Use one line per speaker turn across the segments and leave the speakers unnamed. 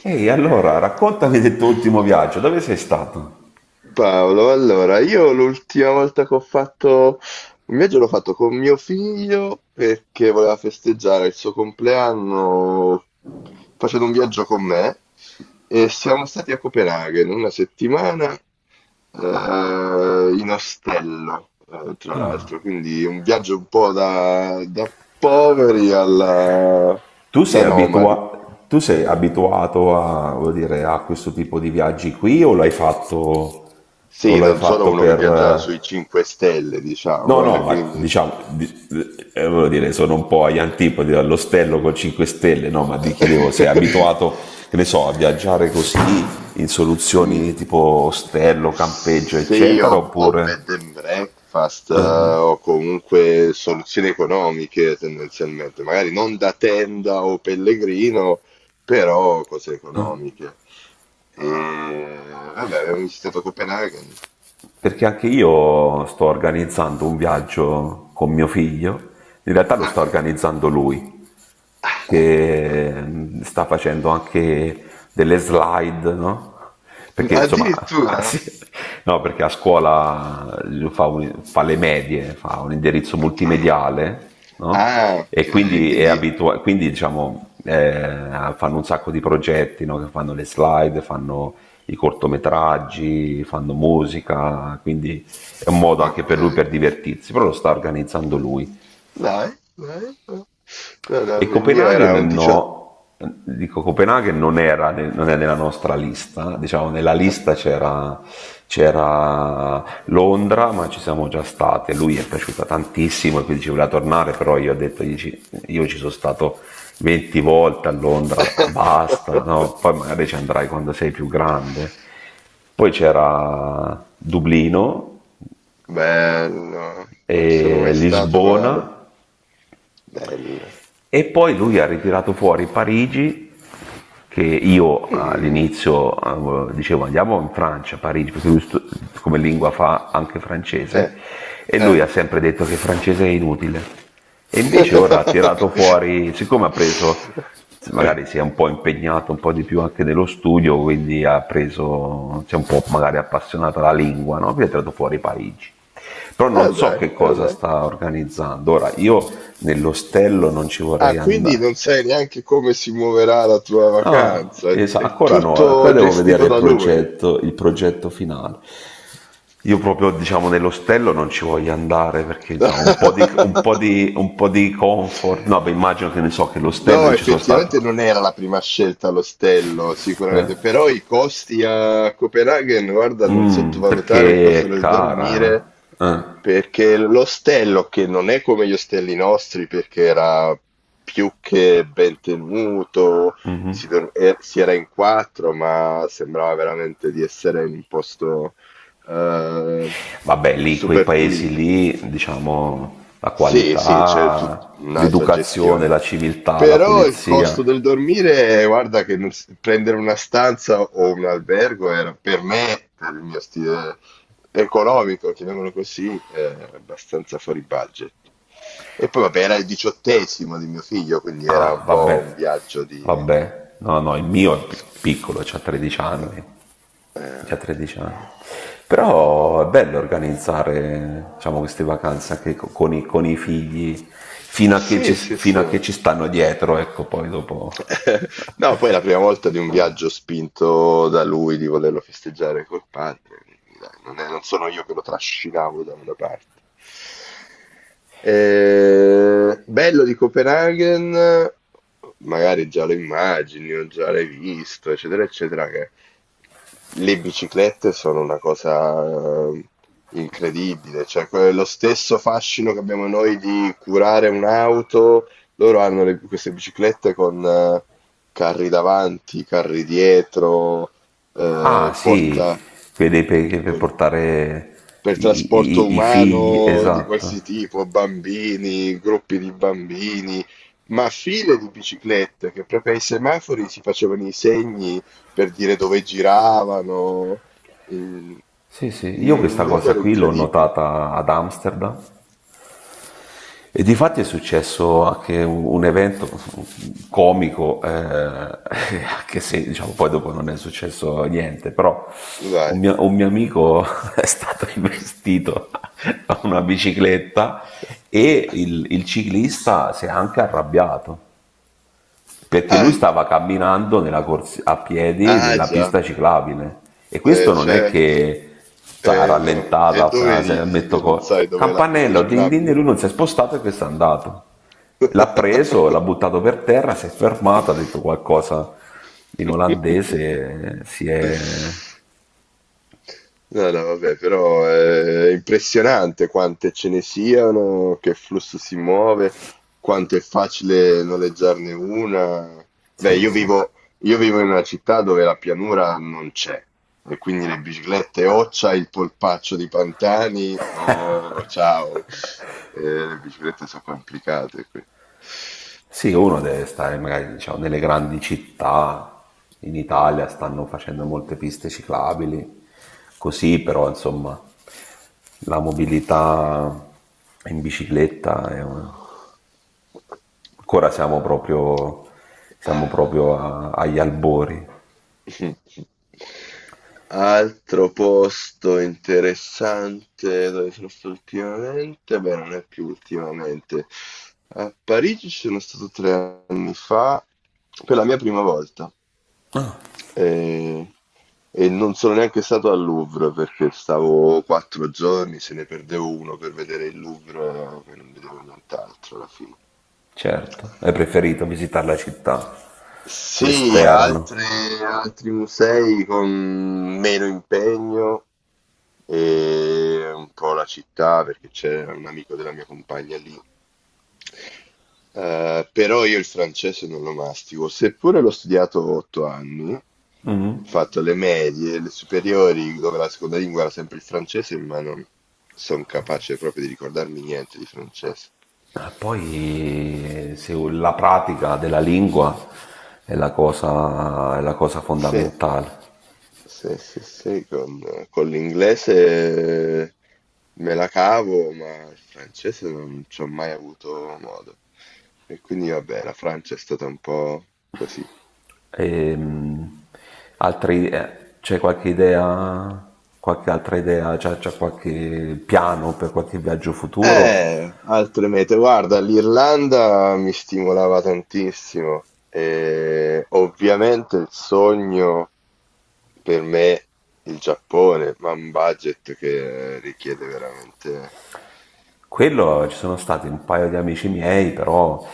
Ehi, allora, raccontami del tuo ultimo viaggio, dove sei stato?
Paolo, allora, io l'ultima volta che ho fatto un viaggio l'ho fatto con mio figlio perché voleva festeggiare il suo compleanno facendo un viaggio con me e siamo stati a Copenaghen una settimana, in ostello, tra
Ah.
l'altro, quindi un viaggio un po' da poveri alla,
Tu sei
da nomadi.
abitua- tu sei abituato a, voglio dire, a questo tipo di viaggi qui o l'hai fatto, o
Sì,
l'hai
non sono
fatto
uno che
per...
viaggia
eh,
sui 5 stelle,
No,
diciamo,
no, ma
quindi...
diciamo, voglio dire, sono un po' agli antipodi dall'ostello con 5 stelle, no, ma ti chiedevo, sei abituato, che ne so, a viaggiare così in
Mm,
soluzioni tipo ostello, campeggio,
se io
eccetera,
ho
oppure...
bed and breakfast,
Ah, ah.
o comunque soluzioni economiche tendenzialmente, magari non da tenda o pellegrino, però cose economiche. E vabbè, avevo visitato Copenaghen.
Perché anche io sto organizzando un viaggio con mio figlio, in realtà lo sta
Ah,
organizzando lui,
ah.
che sta facendo anche delle slide, no? Perché insomma, sì,
Addirittura?
no, perché a scuola fa le medie, fa un indirizzo
Ok.
multimediale, no?
Ah, ok,
E quindi è
quindi
diciamo, fanno un sacco di progetti, no? Che fanno le slide, fanno i cortometraggi, fanno musica, quindi è un modo anche
ok.
per lui per divertirsi, però lo sta organizzando lui.
Dai, dai. Ok. No, no,
E
il mio era un
Copenaghen
18.
no, dico Copenaghen non è nella nostra lista, diciamo nella lista c'era Londra, ma ci siamo già state, lui è piaciuta tantissimo e quindi ci voleva tornare, però io ho detto, io ci sono stato 20 volte a Londra, basta, no? Poi magari ci andrai quando sei più grande. Poi c'era Dublino,
Bello, non sono
e
mai stato, ma
Lisbona.
bello.
E poi lui ha ritirato fuori Parigi, che io
Mm,
all'inizio dicevo andiamo in Francia, Parigi, perché come lingua fa anche
eh,
francese, e lui
eh.
ha sempre detto che il francese è inutile. E invece ora ha tirato fuori, siccome ha preso, magari si è un po' impegnato un po' di più anche nello studio, quindi ha preso, si è un po' magari appassionato alla lingua, no? Quindi ha tirato fuori Parigi. Però
Ah
non so
dai,
che
ah
cosa
dai.
sta organizzando. Ora, io nell'ostello non ci vorrei
Ah, quindi
andare.
non sai neanche come si muoverà la tua
No,
vacanza. È,
esatto,
è
ancora no, ancora
tutto
devo
gestito
vedere
da lui.
il progetto finale. Io proprio, diciamo, nell'ostello non ci voglio andare perché, diciamo, un po' di, un po' di, un po' di comfort. No, beh, immagino che ne so che l'ostello
No,
io ci sono stato.
effettivamente non era la prima scelta l'ostello,
Eh.
sicuramente, però i costi a Copenaghen, guarda, non
Mm,
sottovalutare il costo
perché è
del dormire,
cara, eh.
perché l'ostello, che non è come gli ostelli nostri, perché era più che ben tenuto, si, si era in quattro, ma sembrava veramente di essere in un posto eh,
Vabbè, lì, quei
super
paesi
pulito.
lì, diciamo, la
Sì, sì, c'è tut
qualità,
un'altra
l'educazione,
gestione.
la civiltà, la
Però il costo
polizia.
del dormire, guarda che non prendere una stanza o un albergo era per me, per il mio stile economico, chiamiamolo così, abbastanza fuori budget. E poi vabbè, era il diciottesimo di mio figlio, quindi era
Ah,
un po' un
vabbè,
viaggio di...
vabbè. No, no, il mio è piccolo, c'ha 13
Eh,
anni. C'ha
eh, di-
13 anni.
Mm, mm, mm.
Però è bello organizzare, diciamo, queste
Eh,
vacanze anche con i figli,
sì, sì,
fino
sì.
a che ci stanno dietro, ecco, poi dopo.
No, poi è la prima volta di un viaggio spinto da lui di volerlo festeggiare col padre, quindi dai, non sono io che lo trascinavo da una parte. Bello di Copenaghen, magari già lo immagini o già l'hai visto, eccetera, eccetera, che le biciclette sono una cosa eh, incredibile, cioè lo stesso fascino che abbiamo noi di curare un'auto, loro hanno queste biciclette con, carri davanti, carri dietro,
Ah, sì,
porta
quelli per
con-
portare
per
i, i-
trasporto
i- i figli,
umano di qualsiasi
esatto.
tipo, bambini, gruppi di bambini, ma file di biciclette che proprio ai semafori si facevano i segni per dire dove giravano, il-
Sì, sì, io
un
questa cosa
numero
qui l'ho
incredibile.
notata ad Amsterdam e di fatti è successo anche un evento comico, anche se diciamo, poi dopo non è successo niente, però un
Dai.
mio, un mio amico è stato investito da una bicicletta e il ciclista si è anche arrabbiato perché lui
Ah,
stava camminando a piedi
ah,
nella
già.
pista ciclabile e questo non è
Certo.
che sa,
No. E dove
rallentata, se
ridi
metto
che non sai dov'è la pista
campanello, din din, e
ciclabile?
lui non si è spostato e questo è andato. L'ha preso, l'ha buttato per terra, si è fermato, ha detto qualcosa in olandese, si è...
No, no, vabbè, però è impressionante quante ce ne siano, che flusso si muove, quanto è facile noleggiarne una. Beh,
Sì, sì.
io vivo in una città dove la pianura non c'è, e quindi le biciclette o c'hai il polpaccio di Pantani o ciao. Le biciclette sono complicate qui.
Sì, uno deve stare magari diciamo, nelle grandi città, in Italia stanno facendo molte piste ciclabili, così però insomma la mobilità in bicicletta ancora siamo proprio
Ah.
agli albori,
Altro posto interessante dove sono stato ultimamente, beh, non è più ultimamente. A Parigi ci sono stato 3 anni fa per la mia prima volta e, e non sono neanche stato al Louvre perché stavo 4 giorni, se ne perdevo uno per vedere il Louvre e non vedevo nient'altro alla fine.
certo, è preferito visitare la città,
Sì,
l'esterno.
altre, altri musei con meno impegno e un po' la città perché c'è un amico della mia compagna lì. Però io il francese non lo mastico, seppure l'ho studiato 8 anni, ho fatto le medie, le superiori, dove la seconda lingua era sempre il francese, ma non sono capace proprio di ricordarmi niente di francese.
Ma poi se la pratica della lingua è la cosa
Sì.
fondamentale.
Sì, sì, sì, con l'inglese me la cavo, ma il francese non ci ho mai avuto modo. E quindi vabbè, la Francia è stata un po' così.
Ehm, Altri, c'è qualche idea, qualche altra idea, c'è qualche piano per qualche viaggio futuro?
Altre mete, guarda, l'Irlanda mi stimolava tantissimo e ovviamente il sogno per me il Giappone, ma un budget che richiede veramente...
Quello ci sono stati un paio di amici miei, però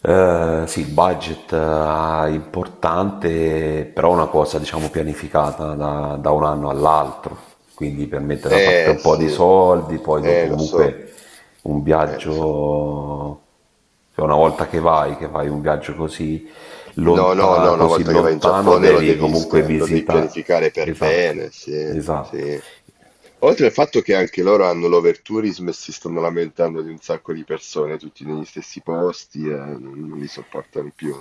sì, il budget importante, però una cosa diciamo pianificata da un anno all'altro, quindi per mettere da parte
Eh
un po' di
sì,
soldi, poi dopo
lo so,
comunque un
lo so.
viaggio, cioè una volta che vai, che fai un viaggio così,
No, no, no, una
così
volta che vai in
lontano,
Giappone lo
devi
devi,
comunque
lo devi
visitare.
pianificare per
Esatto,
bene, sì,
esatto.
sì. Oltre al fatto che anche loro hanno l'overtourism e si stanno lamentando di un sacco di persone, tutti negli stessi posti, e non, non li sopportano più.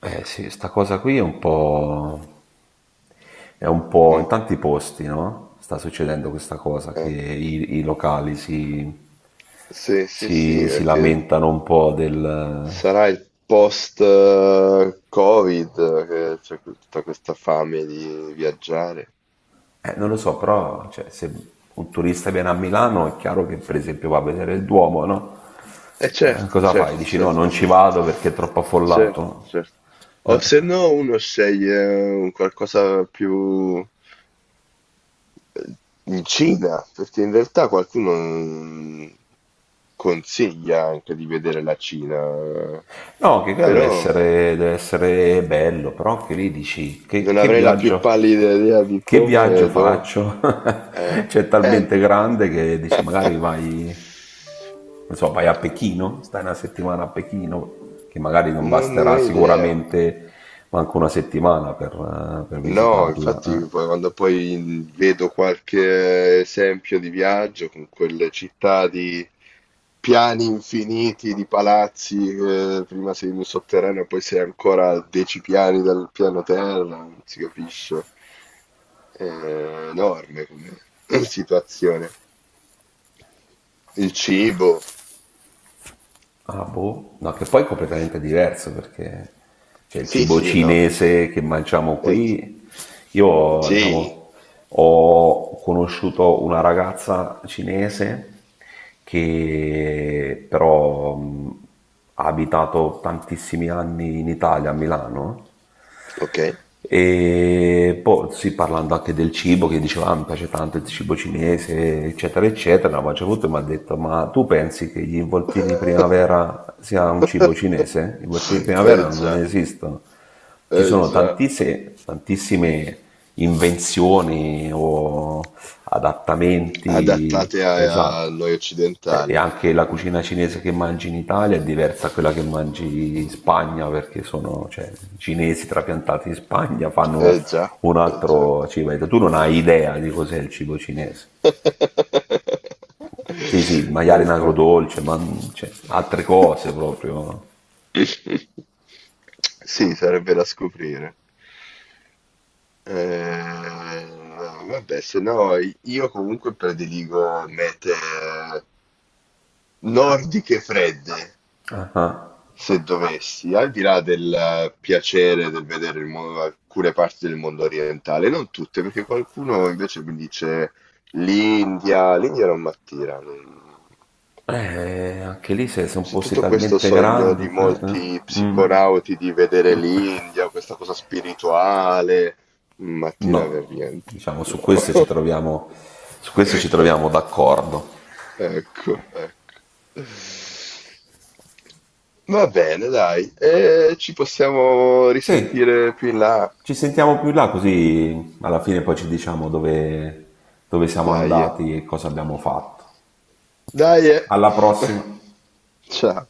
Eh sì, sta cosa qui è un po' in
Mm,
tanti posti, no? Sta succedendo questa cosa che
eh.
i locali si,
Sì, sì, sì,
si, si
perché
lamentano un po' del...
sarà il post-Covid che c'è tutta questa fame di viaggiare.
Non lo so, però cioè, se un turista viene a Milano è chiaro che per esempio va a vedere il Duomo, no?
Eh certo,
Cosa fai?
certo,
Dici no,
certo,
non ci
certo,
vado perché è troppo
certo,
affollato.
certo. O se no uno sceglie, un qualcosa più eh, in Cina, perché in realtà qualcuno, consiglia anche di vedere la Cina,
No, che qua
però
deve essere bello, però anche lì dici che,
non
che
avrei la più
viaggio,
pallida idea di
che
come
viaggio
e dove.
faccio?
Eh,
Cioè, è
eh.
talmente grande che dici magari vai, non so, vai a Pechino, stai una settimana a Pechino, che magari non
Non ne
basterà
ho idea.
sicuramente manco una settimana per
No,
visitarla.
infatti
Eh."
poi quando poi vedo qualche esempio di viaggio con quelle città di piani infiniti, di palazzi, prima sei in un sotterraneo, poi sei ancora a 10 piani dal piano terra, non si capisce. È enorme come situazione. Il cibo,
Ah, boh. No, che poi è completamente diverso perché cioè, il
sì,
cibo
sì, no,
cinese che mangiamo
eh,
qui, io
sì,
diciamo, ho conosciuto una ragazza cinese che però ha abitato tantissimi anni in Italia, a Milano,
ok.
e poi sì, parlando anche del cibo, che diceva, ah, mi piace tanto il cibo cinese, eccetera, eccetera, ma c'è tutto e mi ha detto, ma tu pensi che gli involtini di primavera sia un cibo cinese? Gli involtini di
Eh
primavera non
già,
esistono. Ci
eh
sono
già.
tantissime, tantissime invenzioni o adattamenti,
Adattate a, a
esatto.
noi
E
occidentali.
anche la
Mm,
cucina cinese che mangi in Italia è diversa da quella che mangi in Spagna, perché sono, cioè, i cinesi trapiantati in Spagna fanno
eh già,
un
eh già.
altro cibo. Tu non hai idea di cos'è il cibo cinese. Sì, sì, il maiale in
Infatti.
agrodolce, ma cioè, altre cose proprio.
Sì, sarebbe da scoprire. Eh, vabbè, se no io comunque prediligo mete, nordiche fredde.
Ah, ah.
Se dovessi, al di là del, piacere del vedere il alcune parti del mondo orientale, non tutte, perché qualcuno invece mi dice l'India, l'India non mi attira.
Anche lì se sono
C'è
posti
tutto questo
talmente
sogno
grandi
di
che...
molti
mm,
psiconauti di vedere l'India, questa cosa spirituale, non mi attira per
no,
niente.
diciamo, su
No.
questo ci troviamo, su questo ci troviamo d'accordo.
Ecco, ecco. Va bene, dai, e ci possiamo
Sì.
risentire più in là.
Ci sentiamo più là così alla fine poi ci diciamo dove, dove siamo
Dai, eh.
andati e cosa abbiamo fatto.
Dai. Eh.
Alla prossima!
Ciao.